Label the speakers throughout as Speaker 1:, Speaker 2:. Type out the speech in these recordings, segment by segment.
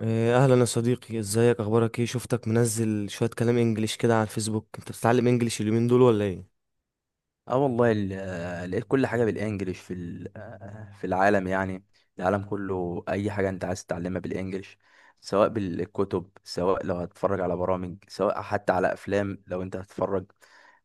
Speaker 1: إيه، اهلا يا صديقي، ازيك؟ اخبارك ايه؟ شفتك منزل شوية كلام انجليش كده على الفيسبوك. انت بتتعلم انجليش اليومين دول ولا ايه؟
Speaker 2: اه والله، لقيت كل حاجه بالانجلش في ال- آه، في العالم. يعني العالم كله اي حاجه انت عايز تتعلمها بالانجلش، سواء بالكتب، سواء لو هتتفرج على برامج، سواء حتى على افلام. لو انت هتتفرج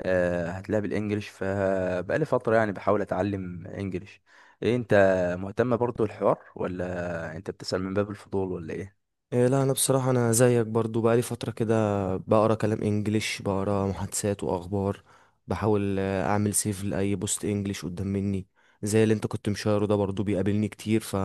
Speaker 2: هتلاقيها بالانجلش. فبقالي فتره يعني بحاول اتعلم انجلش. إيه، انت مهتم برضو الحوار، ولا انت بتسأل من باب الفضول، ولا ايه؟
Speaker 1: إيه لا، انا بصراحه انا زيك برضو بقالي فتره كده. بقرا كلام انجليش، بقرا محادثات واخبار. بحاول اعمل سيف لاي بوست انجليش قدام مني. زي اللي انت كنت مشاره ده برضو بيقابلني كتير. ف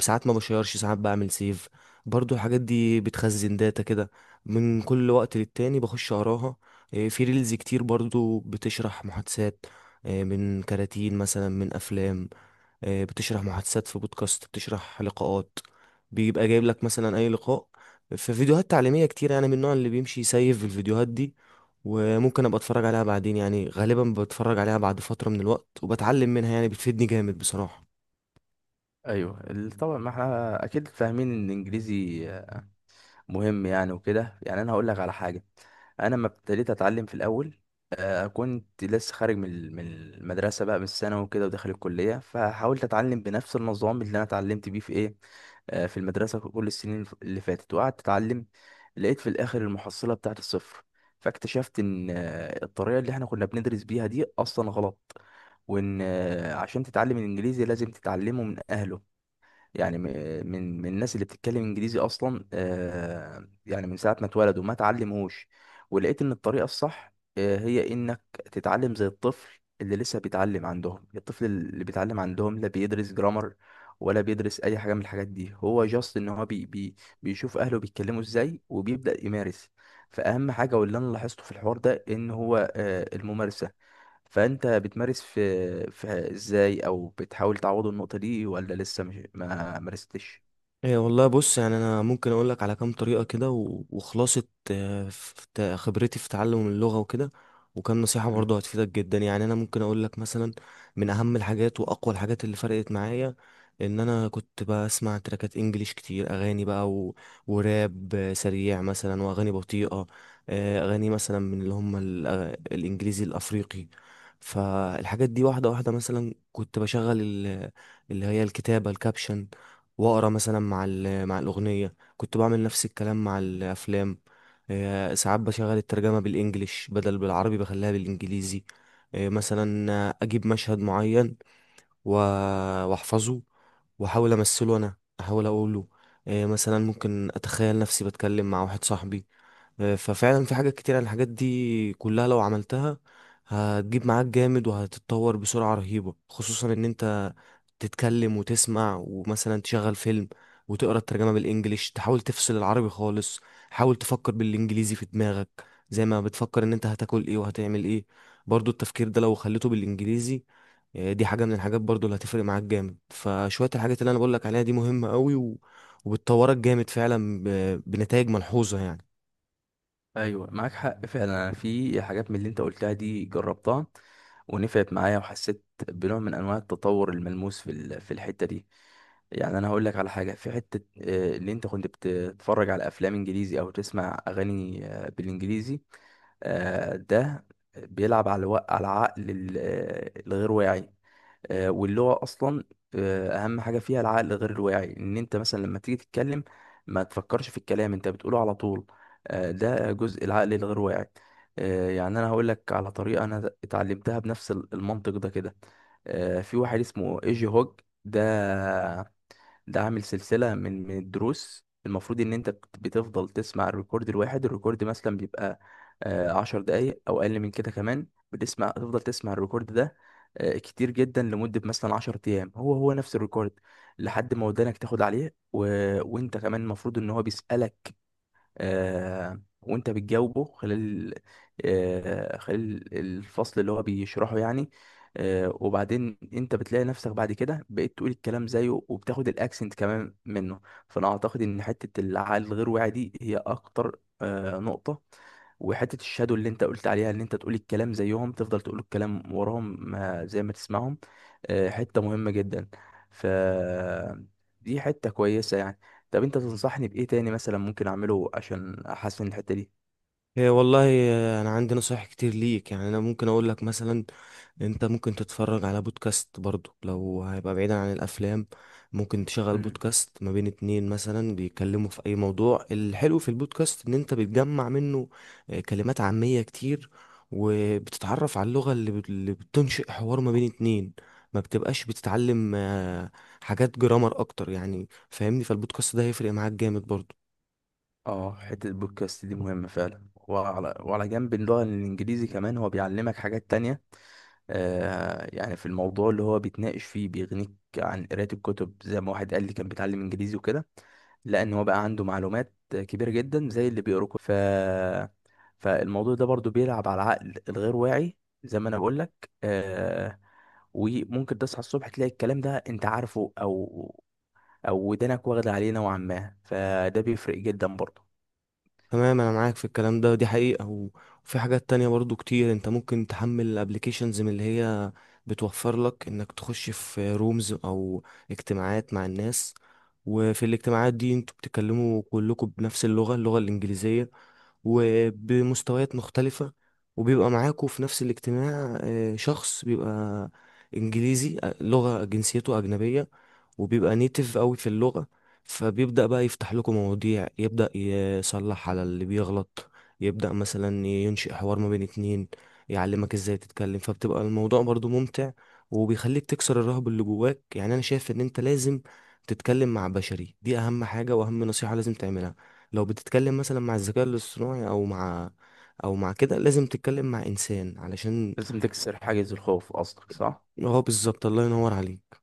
Speaker 1: ساعات ما بشيرش، ساعات بعمل سيف. برضو الحاجات دي بتخزن داتا كده. من كل وقت للتاني بخش اقراها. إيه، في ريلز كتير برضو بتشرح محادثات، إيه من كراتين مثلا، من افلام. بتشرح محادثات، في بودكاست بتشرح لقاءات، بيبقى جايب لك مثلا اي لقاء. في فيديوهات تعليمية كتير يعني، من النوع اللي بيمشي يسيف الفيديوهات دي وممكن ابقى اتفرج عليها بعدين. يعني غالبا بتفرج عليها بعد فترة من الوقت وبتعلم منها، يعني بتفيدني جامد بصراحة.
Speaker 2: ايوه، طبعا ما احنا اكيد فاهمين ان الانجليزي مهم يعني وكده. يعني انا هقول لك على حاجه. انا لما ابتديت اتعلم في الاول، كنت لسه خارج من المدرسه بقى من الثانوي وكده، وداخل الكليه، فحاولت اتعلم بنفس النظام اللي انا اتعلمت بيه في ايه، في المدرسه في كل السنين اللي فاتت، وقعدت اتعلم. لقيت في الاخر المحصله بتاعت الصفر. فاكتشفت ان الطريقه اللي احنا كنا بندرس بيها دي اصلا غلط. وان عشان تتعلم الانجليزي لازم تتعلمه من اهله. يعني من الناس اللي بتتكلم انجليزي اصلا، يعني من ساعه ما اتولدوا ما اتعلموش. ولقيت ان الطريقه الصح هي انك تتعلم زي الطفل اللي لسه بيتعلم عندهم. الطفل اللي بيتعلم عندهم لا بيدرس جرامر، ولا بيدرس اي حاجه من الحاجات دي. هو جاست ان هو بي بي بيشوف اهله بيتكلموا ازاي، وبيبدا يمارس. فاهم حاجه؟ واللي انا لاحظته في الحوار ده ان هو الممارسه. فانت بتمارس في ازاي، او بتحاول تعوض النقطة دي، ولا لسه مش ما مارستش؟
Speaker 1: ايه والله، بص يعني انا ممكن اقول لك على كام طريقه كده وخلاصه خبرتي في تعلم اللغه وكده، وكام نصيحه
Speaker 2: مم.
Speaker 1: برضه هتفيدك جدا. يعني انا ممكن اقول لك مثلا من اهم الحاجات واقوى الحاجات اللي فرقت معايا ان انا كنت بسمع تراكات انجليش كتير، اغاني بقى وراب سريع مثلا، واغاني بطيئه، اغاني مثلا من اللي هم الانجليزي الافريقي. فالحاجات دي واحده واحده، مثلا كنت بشغل اللي هي الكتابه، الكابشن، واقرا مثلا مع مع الاغنيه. كنت بعمل نفس الكلام مع الافلام. ساعات بشغل الترجمه بالانجليش بدل بالعربي، بخليها بالانجليزي. مثلا اجيب مشهد معين و- واحفظه واحاول امثله، انا احاول اقوله. مثلا ممكن اتخيل نفسي بتكلم مع واحد صاحبي. ففعلا في حاجات كتير، الحاجات دي كلها لو عملتها هتجيب معاك جامد وهتتطور بسرعة رهيبة. خصوصا ان انت تتكلم وتسمع ومثلا تشغل فيلم وتقرا الترجمة بالانجليش، تحاول تفصل العربي خالص. حاول تفكر بالانجليزي في دماغك، زي ما بتفكر ان انت هتاكل ايه وهتعمل ايه. برضو التفكير ده لو خليته بالانجليزي، دي حاجة من الحاجات برضو اللي هتفرق معاك جامد. فشوية الحاجات اللي انا بقولك عليها دي مهمة قوي وبتطورك جامد فعلا بنتائج ملحوظة يعني.
Speaker 2: ايوه، معاك حق فعلا. أنا في حاجات من اللي انت قلتها دي جربتها ونفعت معايا، وحسيت بنوع من انواع التطور الملموس في الحته دي. يعني انا هقول لك على حاجه في حته، اللي انت كنت بتتفرج على افلام انجليزي او تسمع اغاني بالانجليزي، ده بيلعب على على العقل الغير واعي. واللغة أصلا أهم حاجة فيها العقل غير الواعي. إن أنت مثلا لما تيجي تتكلم ما تفكرش في الكلام، أنت بتقوله على طول. ده جزء العقل الغير واعي. يعني أنا هقول لك على طريقة أنا اتعلمتها بنفس المنطق ده كده. في واحد اسمه إيجي هوج. ده ده عامل سلسلة من الدروس. المفروض ان انت بتفضل تسمع الريكورد الواحد. الريكورد مثلا بيبقى 10 دقايق او اقل من كده كمان. تفضل تسمع الريكورد ده كتير جدا، لمدة مثلا 10 ايام، هو هو نفس الريكورد، لحد ما ودانك تاخد عليه. و... وانت كمان المفروض ان هو بيسألك، وانت بتجاوبه خلال الفصل اللي هو بيشرحه يعني. وبعدين انت بتلاقي نفسك بعد كده بقيت تقول الكلام زيه، وبتاخد الاكسنت كمان منه. فانا اعتقد ان حتة العقل الغير واعي دي هي اكتر نقطة. وحتة الشادو اللي انت قلت عليها، ان انت تقول الكلام زيهم، تفضل تقول الكلام وراهم ما زي ما تسمعهم، حتة مهمة جدا. ف دي حتة كويسة يعني. طب انت تنصحني بايه تاني مثلا ممكن اعمله عشان احسن الحته دي؟
Speaker 1: هي والله انا عندي نصايح كتير ليك. يعني انا ممكن اقول لك مثلا انت ممكن تتفرج على بودكاست برضو، لو هيبقى بعيدا عن الافلام ممكن تشغل
Speaker 2: مم.
Speaker 1: بودكاست ما بين اتنين مثلا بيتكلموا في اي موضوع. الحلو في البودكاست ان انت بتجمع منه كلمات عامية كتير، وبتتعرف على اللغة اللي بتنشئ حوار ما بين اتنين. ما بتبقاش بتتعلم حاجات جرامر اكتر، يعني فاهمني؟ فالبودكاست ده هيفرق معاك جامد برضو.
Speaker 2: اه، حته البودكاست دي مهمه فعلا. وعلى جنب اللغه الانجليزي كمان هو بيعلمك حاجات تانية. يعني في الموضوع اللي هو بيتناقش فيه بيغنيك عن قرايه الكتب. زي ما واحد قال لي كان بيتعلم انجليزي وكده، لان هو بقى عنده معلومات كبيره جدا زي اللي بيقرا كتب. فالموضوع ده برضو بيلعب على العقل الغير واعي، زي ما انا بقول لك. وممكن تصحى الصبح تلاقي الكلام ده انت عارفه، او ودانك واخده عليه نوعا ما، فده بيفرق جدا برضه.
Speaker 1: تمام، انا معاك في الكلام ده، دي حقيقة وفي حاجات تانية برضو كتير. انت ممكن تحمل applications من اللي هي بتوفر لك انك تخش في رومز او اجتماعات مع الناس. وفي الاجتماعات دي انتوا بتتكلموا كلكم بنفس اللغة، اللغة الانجليزية، وبمستويات مختلفة، وبيبقى معاكوا في نفس الاجتماع شخص بيبقى إنجليزي، لغة جنسيته أجنبية وبيبقى نيتف قوي في اللغة. فبيبدأ بقى يفتح لكم مواضيع، يبدأ يصلح على اللي بيغلط، يبدأ مثلا ينشئ حوار ما بين اتنين، يعلمك ازاي تتكلم. فبتبقى الموضوع برضو ممتع وبيخليك تكسر الرهب اللي جواك. يعني انا شايف ان انت لازم تتكلم مع بشري، دي اهم حاجة واهم نصيحة لازم تعملها. لو بتتكلم مثلا مع الذكاء الاصطناعي او مع او مع كده، لازم تتكلم مع انسان علشان
Speaker 2: لازم تكسر حاجز الخوف قصدك، صح؟
Speaker 1: هو بالظبط. الله ينور عليك.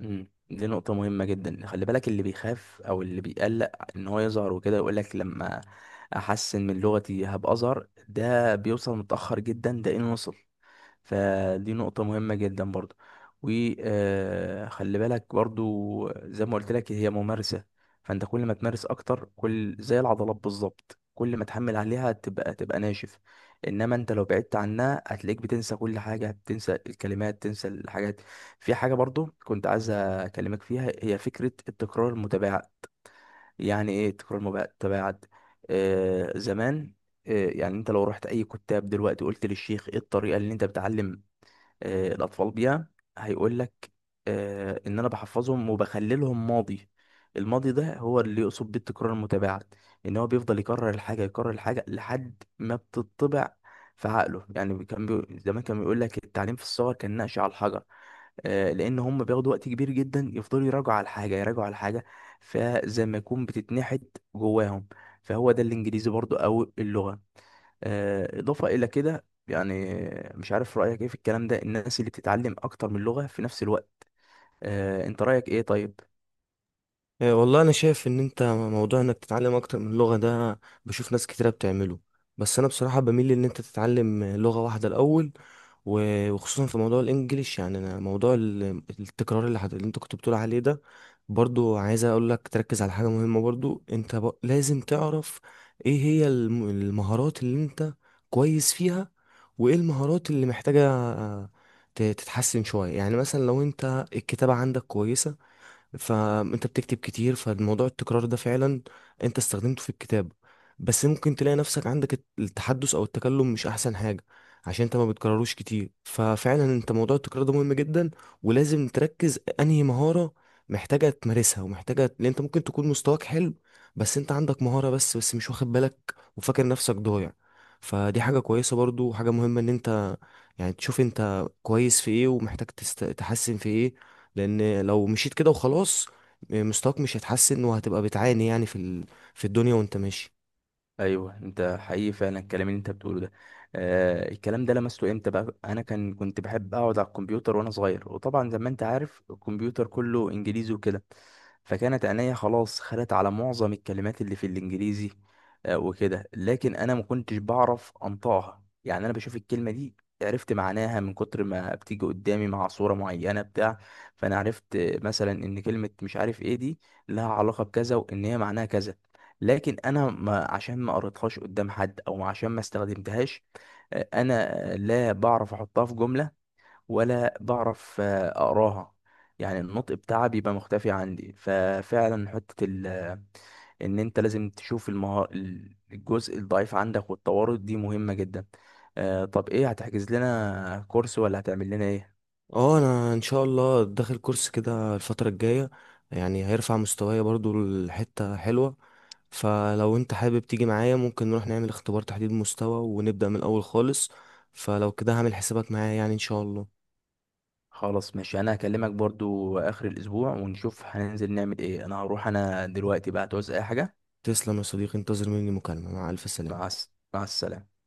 Speaker 2: دي نقطه مهمه جدا. خلي بالك، اللي بيخاف او اللي بيقلق ان هو يظهر وكده، يقول لك لما احسن من لغتي هبقى اظهر، ده بيوصل متاخر جدا، ده ان وصل. فدي نقطة مهمة جدا برضو. وخلي بالك برضو زي ما قلت لك، هي ممارسة. فانت كل ما تمارس اكتر، كل زي العضلات بالظبط، كل ما تحمل عليها تبقى ناشف. انما انت لو بعدت عنها هتلاقيك بتنسى كل حاجة، بتنسى الكلمات، تنسى الحاجات. في حاجة برضو كنت عايز اكلمك فيها، هي فكرة التكرار المتباعد. يعني ايه التكرار المتباعد؟ زمان، يعني انت لو رحت اي كتاب دلوقتي، قلت للشيخ ايه الطريقه اللي انت بتعلم الأطفال بيها، هيقول لك إن أنا بحفظهم وبخللهم ماضي. الماضي ده هو اللي يقصد بيه التكرار المتباعد. إن هو بيفضل يكرر الحاجة يكرر الحاجة لحد ما بتطبع في عقله. يعني كان زمان كان بيقول لك التعليم في الصغر كان نقش على الحجر، لان هم بياخدوا وقت كبير جدا، يفضلوا يراجعوا على الحاجه يراجعوا على الحاجه، فزي ما يكون بتتنحت جواهم. فهو ده الانجليزي برضو او اللغه. اضافه الى كده يعني. مش عارف رايك ايه في الكلام ده، الناس اللي بتتعلم اكتر من لغه في نفس الوقت، انت رايك ايه؟ طيب.
Speaker 1: إيه والله، انا شايف ان انت موضوع انك تتعلم اكتر من لغة ده بشوف ناس كتيرة بتعمله، بس انا بصراحة بميل ان انت تتعلم لغة واحدة الاول وخصوصا في موضوع الانجليش. يعني انا موضوع التكرار اللي انت كنت بتقول عليه ده برضو، عايز اقول لك تركز على حاجة مهمة برضو. انت لازم تعرف ايه هي المهارات اللي انت كويس فيها، وايه المهارات اللي محتاجة تتحسن شوية. يعني مثلا لو انت الكتابة عندك كويسة فانت بتكتب كتير، فالموضوع التكرار ده فعلا انت استخدمته في الكتابة. بس ممكن تلاقي نفسك عندك التحدث او التكلم مش احسن حاجة عشان انت ما بتكرروش كتير. ففعلا انت موضوع التكرار ده مهم جدا ولازم تركز انهي مهارة محتاجة تمارسها ومحتاجة، لان انت ممكن تكون مستواك حلو بس انت عندك مهارة بس مش واخد بالك وفاكر نفسك ضايع. فدي حاجة كويسة برضو، وحاجة مهمة ان انت يعني تشوف انت كويس في ايه ومحتاج تحسن في ايه. لان لو مشيت كده وخلاص مستواك مش هيتحسن وهتبقى بتعاني، يعني في في الدنيا وانت ماشي.
Speaker 2: ايوه، انت حقيقي فعلا الكلام اللي انت بتقوله ده. الكلام ده لمسته امتى بقى؟ انا كنت بحب اقعد على الكمبيوتر وانا صغير، وطبعا زي ما انت عارف الكمبيوتر كله انجليزي وكده. فكانت عينيا خلاص خدت على معظم الكلمات اللي في الانجليزي وكده. لكن انا ما كنتش بعرف انطقها. يعني انا بشوف الكلمه دي، عرفت معناها من كتر ما بتيجي قدامي مع صوره معينه بتاع. فانا عرفت مثلا ان كلمه مش عارف ايه دي لها علاقه بكذا، وان هي معناها كذا. لكن انا ما عشان ما قريتهاش قدام حد، او عشان ما استخدمتهاش، انا لا بعرف احطها في جملة، ولا بعرف اقراها. يعني النطق بتاعها بيبقى مختفي عندي. ففعلا حتة ال آه، ان انت لازم تشوف الجزء الضعيف عندك، والتوارد دي مهمة جدا. طب ايه، هتحجز لنا كورس ولا هتعمل لنا ايه؟
Speaker 1: اه، انا ان شاء الله داخل كورس كده الفترة الجاية يعني هيرفع مستواي برضو لحتة حلوة. فلو انت حابب تيجي معايا ممكن نروح نعمل اختبار تحديد مستوى ونبدأ من الاول خالص. فلو كده هعمل حسابك معايا، يعني ان شاء الله.
Speaker 2: خلاص، ماشي. انا هكلمك برضو اخر الاسبوع ونشوف هننزل نعمل ايه. انا هروح. انا دلوقتي بقى تعوز اي حاجة؟
Speaker 1: تسلم يا صديقي، انتظر مني مكالمة. مع الف سلامة.
Speaker 2: مع السلامة.